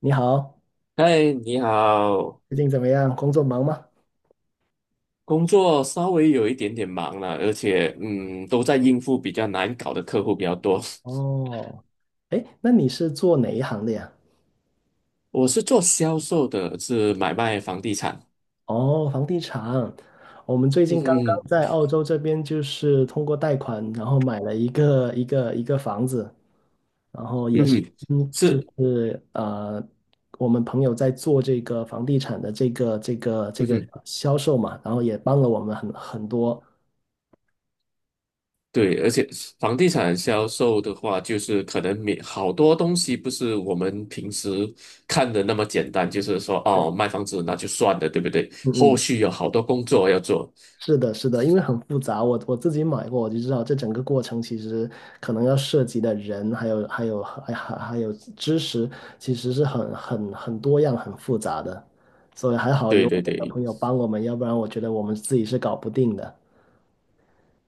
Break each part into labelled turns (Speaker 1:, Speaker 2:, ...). Speaker 1: 你好，
Speaker 2: 嗨，你好，
Speaker 1: 最近怎么样？工作忙吗？
Speaker 2: 工作稍微有一点点忙了，而且都在应付比较难搞的客户比较多。
Speaker 1: 哦，哎，那你是做哪一行的呀？
Speaker 2: 我是做销售的，是买卖房地产。
Speaker 1: 哦，房地产。我们最
Speaker 2: 嗯
Speaker 1: 近刚刚
Speaker 2: 哼。
Speaker 1: 在澳洲这边，就是通过贷款，然后买了一个房子，然后
Speaker 2: 嗯
Speaker 1: 也是，
Speaker 2: 哼。
Speaker 1: 嗯，就
Speaker 2: 是。
Speaker 1: 是呃，我们朋友在做这个房地产的这个这个这
Speaker 2: 嗯
Speaker 1: 个
Speaker 2: 哼。
Speaker 1: 销售嘛，然后也帮了我们很多。
Speaker 2: 对，而且房地产销售的话，就是可能没好多东西不是我们平时看的那么简单，就是说
Speaker 1: 对，
Speaker 2: 哦，卖房子那就算了，对不对？
Speaker 1: 嗯
Speaker 2: 后
Speaker 1: 嗯，
Speaker 2: 续有好多工作要做。
Speaker 1: 是的，是的，因为很复杂，我自己买过，我就知道这整个过程其实可能要涉及的人，还有知识，其实是很多样、很复杂的，所以还好有
Speaker 2: 对对
Speaker 1: 我们的
Speaker 2: 对，
Speaker 1: 朋友帮我们，要不然我觉得我们自己是搞不定的。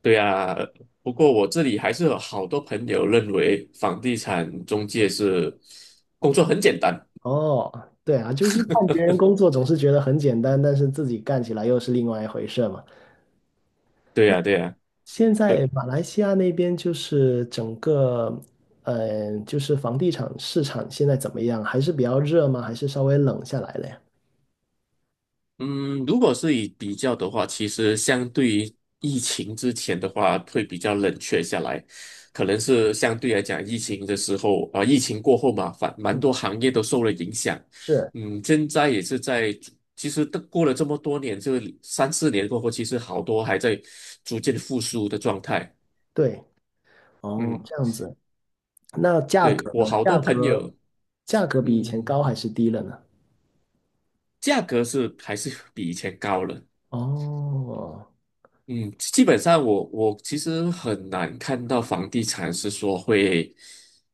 Speaker 2: 对啊，不过我这里还是有好多朋友认为房地产中介是工作很简单。
Speaker 1: 哦，对啊，就是看别人工作总是觉得很简单，但是自己干起来又是另外一回事嘛。
Speaker 2: 对呀，对呀，
Speaker 1: 现在
Speaker 2: 对。
Speaker 1: 马来西亚那边就是整个，就是房地产市场现在怎么样？还是比较热吗？还是稍微冷下来了呀？
Speaker 2: 嗯，如果是以比较的话，其实相对于疫情之前的话，会比较冷却下来，可能是相对来讲，疫情的时候啊、疫情过后嘛，反蛮多行业都受了影响。
Speaker 1: 是，
Speaker 2: 嗯，现在也是在逐，其实都过了这么多年，这三四年过后，其实好多还在逐渐复苏的状态。
Speaker 1: 对，哦，
Speaker 2: 嗯。
Speaker 1: 这样子。那价
Speaker 2: 对，
Speaker 1: 格呢？
Speaker 2: 我好多
Speaker 1: 价
Speaker 2: 朋
Speaker 1: 格，
Speaker 2: 友。
Speaker 1: 价格比以前高
Speaker 2: 嗯，
Speaker 1: 还是低了呢？
Speaker 2: 价格是还是比以前高了。
Speaker 1: 哦，
Speaker 2: 嗯，基本上我其实很难看到房地产是说会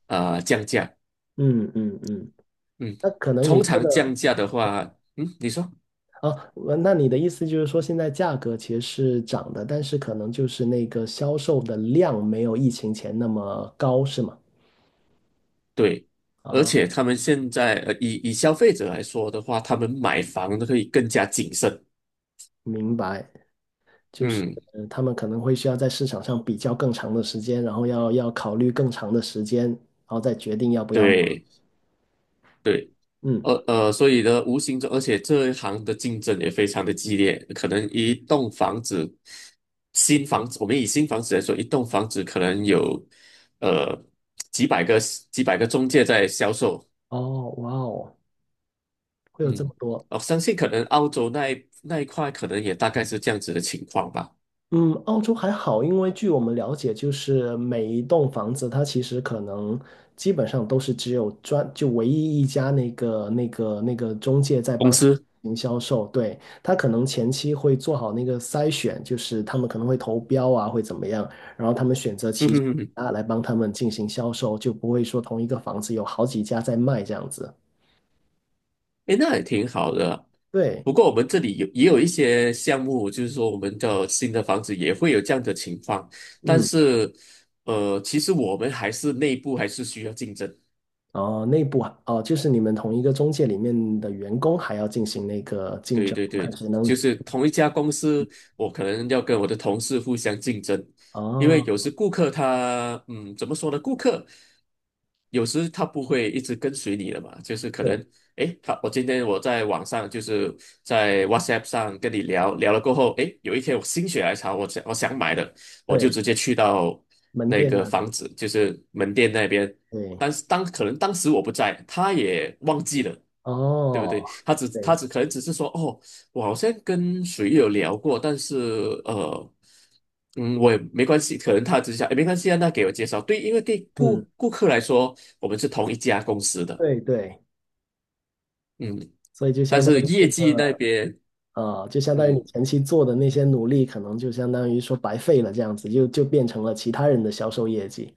Speaker 2: 降价。
Speaker 1: 嗯嗯嗯，
Speaker 2: 嗯，
Speaker 1: 那可能你
Speaker 2: 通
Speaker 1: 说
Speaker 2: 常降
Speaker 1: 的
Speaker 2: 价的话，你说。
Speaker 1: 啊，那你的意思就是说，现在价格其实是涨的，但是可能就是那个销售的量没有疫情前那么高，是吗？
Speaker 2: 对，而
Speaker 1: 啊，
Speaker 2: 且他们现在以消费者来说的话，他们买房都可以更加谨慎。
Speaker 1: 明白。就是
Speaker 2: 嗯，
Speaker 1: 他们可能会需要在市场上比较更长的时间，然后要考虑更长的时间，然后再决定要不要买。
Speaker 2: 对。对。
Speaker 1: 嗯，
Speaker 2: 所以呢，无形中，而且这一行的竞争也非常的激烈，可能一栋房子，新房子，我们以新房子来说，一栋房子可能有呃几百个几百个中介在销售。
Speaker 1: 哦，哇哦，会有这
Speaker 2: 嗯，
Speaker 1: 么多。
Speaker 2: 我相信可能澳洲那一块可能也大概是这样子的情况吧。
Speaker 1: 嗯，澳洲还好，因为据我们了解，就是每一栋房子，它其实可能基本上都是只有专，就唯一一家那个中介在
Speaker 2: 公
Speaker 1: 帮他
Speaker 2: 司。
Speaker 1: 进行销售，对，他可能前期会做好那个筛选，就是他们可能会投标啊，会怎么样，然后他们选择
Speaker 2: 嗯
Speaker 1: 其
Speaker 2: 哼
Speaker 1: 中
Speaker 2: 哼哼。
Speaker 1: 一家来帮他们进行销售，就不会说同一个房子有好几家在卖这样子，
Speaker 2: 诶，那也挺好的啊。
Speaker 1: 对，
Speaker 2: 不过我们这里也有一些项目，就是说我们的新的房子也会有这样的情况，但
Speaker 1: 嗯。
Speaker 2: 是其实我们还是内部还是需要竞争。
Speaker 1: 哦，内部啊，哦，就是你们同一个中介里面的员工还要进行那个竞
Speaker 2: 对
Speaker 1: 争，
Speaker 2: 对对。
Speaker 1: 看谁能
Speaker 2: 就是同一家公司，我可能要跟我的同事互相竞争。因为
Speaker 1: 哦，
Speaker 2: 有时顾客他，怎么说呢？顾客有时他不会一直跟随你的嘛，就是可能，
Speaker 1: 对
Speaker 2: 诶，我今天在网上就是在 WhatsApp 上跟你聊聊了过后，诶，有一天我心血来潮，我想买的。我就
Speaker 1: 对，
Speaker 2: 直接去到
Speaker 1: 门
Speaker 2: 那
Speaker 1: 店
Speaker 2: 个
Speaker 1: 呢，
Speaker 2: 房子，就是门店那边。
Speaker 1: 对，
Speaker 2: 但是可能当时我不在，他也忘记了。对不
Speaker 1: 哦，
Speaker 2: 对？他只他
Speaker 1: 对，
Speaker 2: 只可能只是说，哦，我好像跟谁有聊过，但是呃，我也没关系，可能他只是想，哎，没关系啊，那给我介绍。对，因为对顾
Speaker 1: 嗯，
Speaker 2: 顾客来说，我们是同一家公司的。
Speaker 1: 对对，
Speaker 2: 嗯，
Speaker 1: 所以就
Speaker 2: 但
Speaker 1: 相
Speaker 2: 是
Speaker 1: 当于
Speaker 2: 业
Speaker 1: 这
Speaker 2: 绩
Speaker 1: 个，
Speaker 2: 那边。
Speaker 1: 就相当于你
Speaker 2: 嗯，
Speaker 1: 前期做的那些努力，可能就相当于说白费了，这样子就变成了其他人的销售业绩。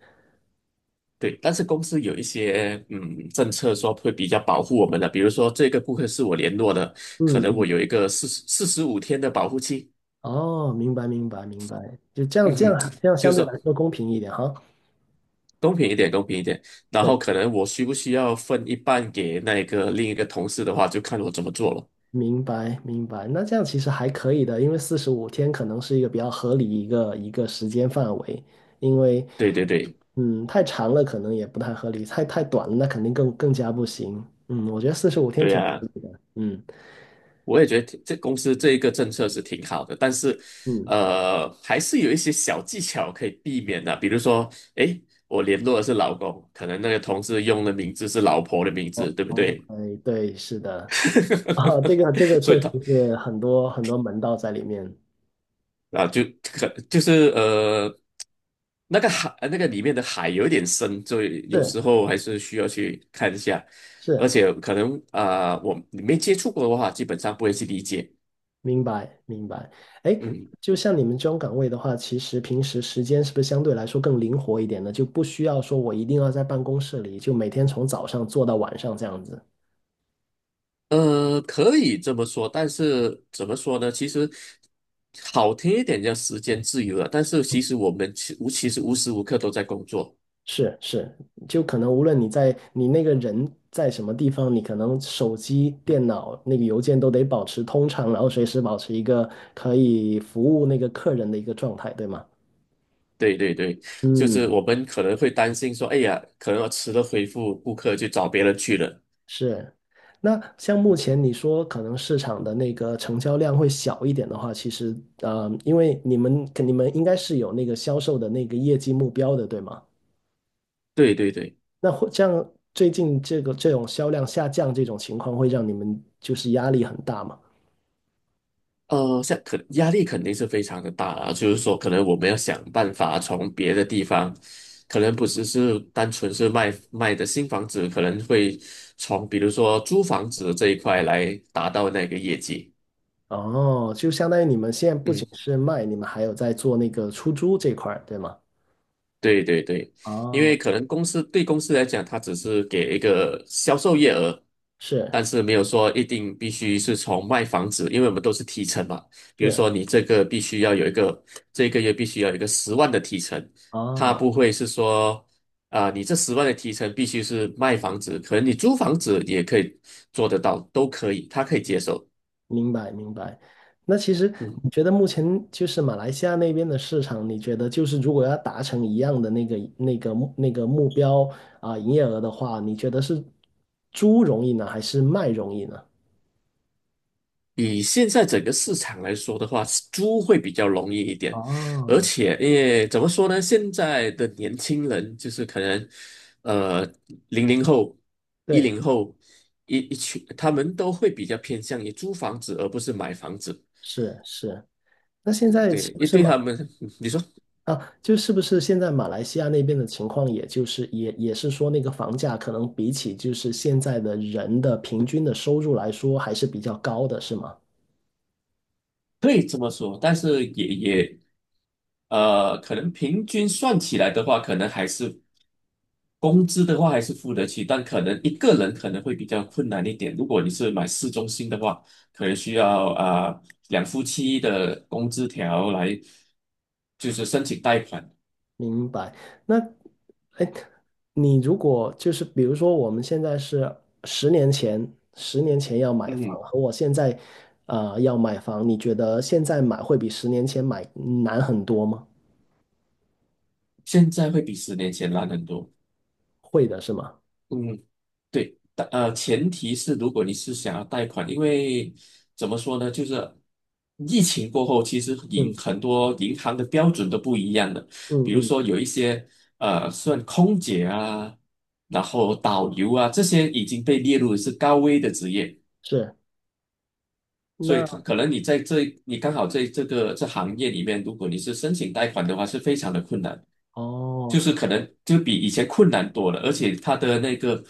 Speaker 2: 对。但是公司有一些政策说会比较保护我们的。比如说这个顾客是我联络的，可
Speaker 1: 嗯
Speaker 2: 能我
Speaker 1: 嗯，
Speaker 2: 有一个四十五天的保护期。
Speaker 1: 哦，明白明白明白，就这样
Speaker 2: 嗯
Speaker 1: 这
Speaker 2: 哼。
Speaker 1: 样这样
Speaker 2: 就
Speaker 1: 相
Speaker 2: 是
Speaker 1: 对
Speaker 2: 说
Speaker 1: 来说公平一点哈。
Speaker 2: 公平一点，公平一点。然
Speaker 1: 对。
Speaker 2: 后可能我需不需要分一半给那个另一个同事的话，就看我怎么做了。
Speaker 1: 明白，明白。那这样其实还可以的，因为四十五天可能是一个比较合理一个时间范围，因为
Speaker 2: 对对对。
Speaker 1: 太长了可能也不太合理，太短了那肯定更加不行。嗯，我觉得四十五天
Speaker 2: 对
Speaker 1: 挺合
Speaker 2: 呀，
Speaker 1: 理的。嗯
Speaker 2: 我也觉得这公司这一个政策是挺好的，但是
Speaker 1: 嗯，
Speaker 2: 还是有一些小技巧可以避免的，比如说，诶，我联络的是老公，可能那个同事用的名字是老婆的名
Speaker 1: 哦
Speaker 2: 字，对不对？
Speaker 1: ，OK,对，是的，啊，这个这个
Speaker 2: 所
Speaker 1: 确
Speaker 2: 以
Speaker 1: 实
Speaker 2: 他
Speaker 1: 是很多门道在里面。
Speaker 2: 啊，就是那个海，那个里面的海有点深，所以有
Speaker 1: 是
Speaker 2: 时候还是需要去看一下。而
Speaker 1: 是，
Speaker 2: 且可能啊、你没接触过的话，基本上不会去理解。
Speaker 1: 明白，明白。哎，
Speaker 2: 嗯，
Speaker 1: 就像你们这种岗位的话，其实平时时间是不是相对来说更灵活一点呢？就不需要说我一定要在办公室里，就每天从早上做到晚上这样子。
Speaker 2: 可以这么说，但是怎么说呢？其实好听一点叫时间自由了，但是其实我们其实无时无刻都在工作。
Speaker 1: 是是，就可能无论你在你那个人在什么地方，你可能手机、电脑那个邮件都得保持通畅，然后随时保持一个可以服务那个客人的一个状态，对吗？
Speaker 2: 对对对。就是
Speaker 1: 嗯，
Speaker 2: 我们可能会担心说，哎呀，可能迟了回复顾客，就找别人去了。
Speaker 1: 是，那像目前你说可能市场的那个成交量会小一点的话，其实因为你们应该是有那个销售的那个业绩目标的，对吗？
Speaker 2: 对对对。
Speaker 1: 那会这样，最近这个这种销量下降这种情况，会让你们就是压力很大嘛？
Speaker 2: 压力肯定是非常的大啊，就是说，可能我们要想办法从别的地方，可能不只是单纯是卖的新房子，可能会从比如说租房子这一块来达到那个业绩。
Speaker 1: 哦，就相当于你们现在不仅
Speaker 2: 嗯。
Speaker 1: 是卖，你们还有在做那个出租这块儿，对吗？
Speaker 2: 对对对。因
Speaker 1: 哦，
Speaker 2: 为可能对公司来讲，它只是给一个销售业额，
Speaker 1: 是
Speaker 2: 但是没有说一定必须是从卖房子，因为我们都是提成嘛。比如
Speaker 1: 是，
Speaker 2: 说你这个必须要有一个，这个月必须要有一个十万的提成。他
Speaker 1: 哦。
Speaker 2: 不会是说，啊、你这十万的提成必须是卖房子，可能你租房子也可以做得到，都可以，他可以接受。
Speaker 1: 明白明白。那其实你
Speaker 2: 嗯。
Speaker 1: 觉得目前就是马来西亚那边的市场，你觉得就是如果要达成一样的那个那个目那个目标啊，营业额的话，你觉得是租容易呢，还是卖容易呢？
Speaker 2: 以现在整个市场来说的话，租会比较容易一点，而
Speaker 1: 哦，
Speaker 2: 且因为怎么说呢？现在的年轻人就是可能，呃，00后、一
Speaker 1: 对，
Speaker 2: 零后一群，他们都会比较偏向于租房子而不是买房子。
Speaker 1: 是是。那现在
Speaker 2: 对，
Speaker 1: 是
Speaker 2: 因
Speaker 1: 不
Speaker 2: 为
Speaker 1: 是
Speaker 2: 对
Speaker 1: 马
Speaker 2: 他们，你说。
Speaker 1: 啊？就是不是现在马来西亚那边的情况，也就是是说，那个房价可能比起就是现在的人的平均的收入来说，还是比较高的，是吗？
Speaker 2: 可以这么说，但是也也呃，可能平均算起来的话，可能还是工资的话还是付得起，但可能一个人可能会比较困难一点。如果你是买市中心的话，可能需要啊、两夫妻的工资条来就是申请贷款。
Speaker 1: 明白。那，哎，你如果就是比如说，我们现在是十年前，十年前要买房，
Speaker 2: 嗯，
Speaker 1: 和我现在，啊，要买房，你觉得现在买会比十年前买难很多吗？
Speaker 2: 现在会比十年前难很多。
Speaker 1: 会的是吗？
Speaker 2: 嗯。对，但前提是如果你是想要贷款，因为怎么说呢，就是疫情过后，其实银
Speaker 1: 嗯
Speaker 2: 很多银行的标准都不一样的。
Speaker 1: 嗯
Speaker 2: 比如
Speaker 1: 嗯，
Speaker 2: 说有一些算空姐啊，然后导游啊，这些已经被列入是高危的职业。
Speaker 1: 是。
Speaker 2: 所以可
Speaker 1: 那
Speaker 2: 可能你在这，你刚好在这个行业里面，如果你是申请贷款的话，是非常的困难。
Speaker 1: 哦，
Speaker 2: 就是可能就比以前困难多了，而且它的那个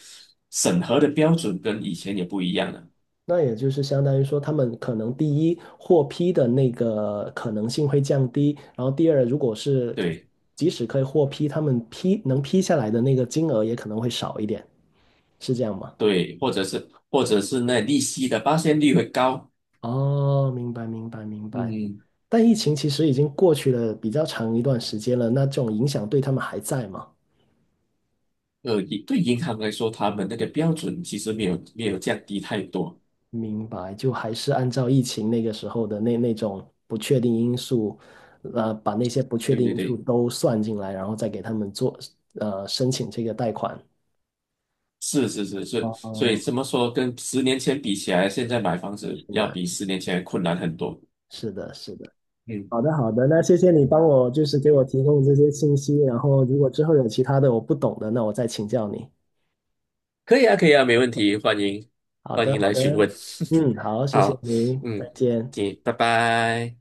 Speaker 2: 审核的标准跟以前也不一样了。
Speaker 1: 那也就是相当于说，他们可能第一获批的那个可能性会降低，然后第二，如果是
Speaker 2: 对
Speaker 1: 即使可以获批，他们能批下来的那个金额也可能会少一点，是这样吗？
Speaker 2: 对，或者是那利息的发现率会高。
Speaker 1: 哦，明白明白明白。
Speaker 2: 嗯，
Speaker 1: 但疫情其实已经过去了比较长一段时间了，那这种影响对他们还在吗？
Speaker 2: 以对银行来说，他们那个标准其实没有降低太多。
Speaker 1: 明白，就还是按照疫情那个时候的那种不确定因素，把那些不确
Speaker 2: 对
Speaker 1: 定
Speaker 2: 对
Speaker 1: 因素
Speaker 2: 对。
Speaker 1: 都算进来，然后再给他们做，申请这个贷款。
Speaker 2: 是是是是。
Speaker 1: 哦，
Speaker 2: 所以
Speaker 1: 哦，
Speaker 2: 怎么说，跟十年前比起来，现在买房子要
Speaker 1: 的，
Speaker 2: 比十年前困难很多。
Speaker 1: 是的，是的。
Speaker 2: 嗯，
Speaker 1: 好的，好的，那谢谢你帮我，就是给我提供这些信息，然后如果之后有其他的我不懂的，那我再请教你。
Speaker 2: 可以啊，可以啊，没问题，欢迎
Speaker 1: 好
Speaker 2: 欢
Speaker 1: 的，
Speaker 2: 迎
Speaker 1: 好
Speaker 2: 来询
Speaker 1: 的，
Speaker 2: 问。
Speaker 1: 嗯，好，谢谢
Speaker 2: 好。
Speaker 1: 你，再
Speaker 2: 嗯。
Speaker 1: 见。
Speaker 2: 行，拜拜。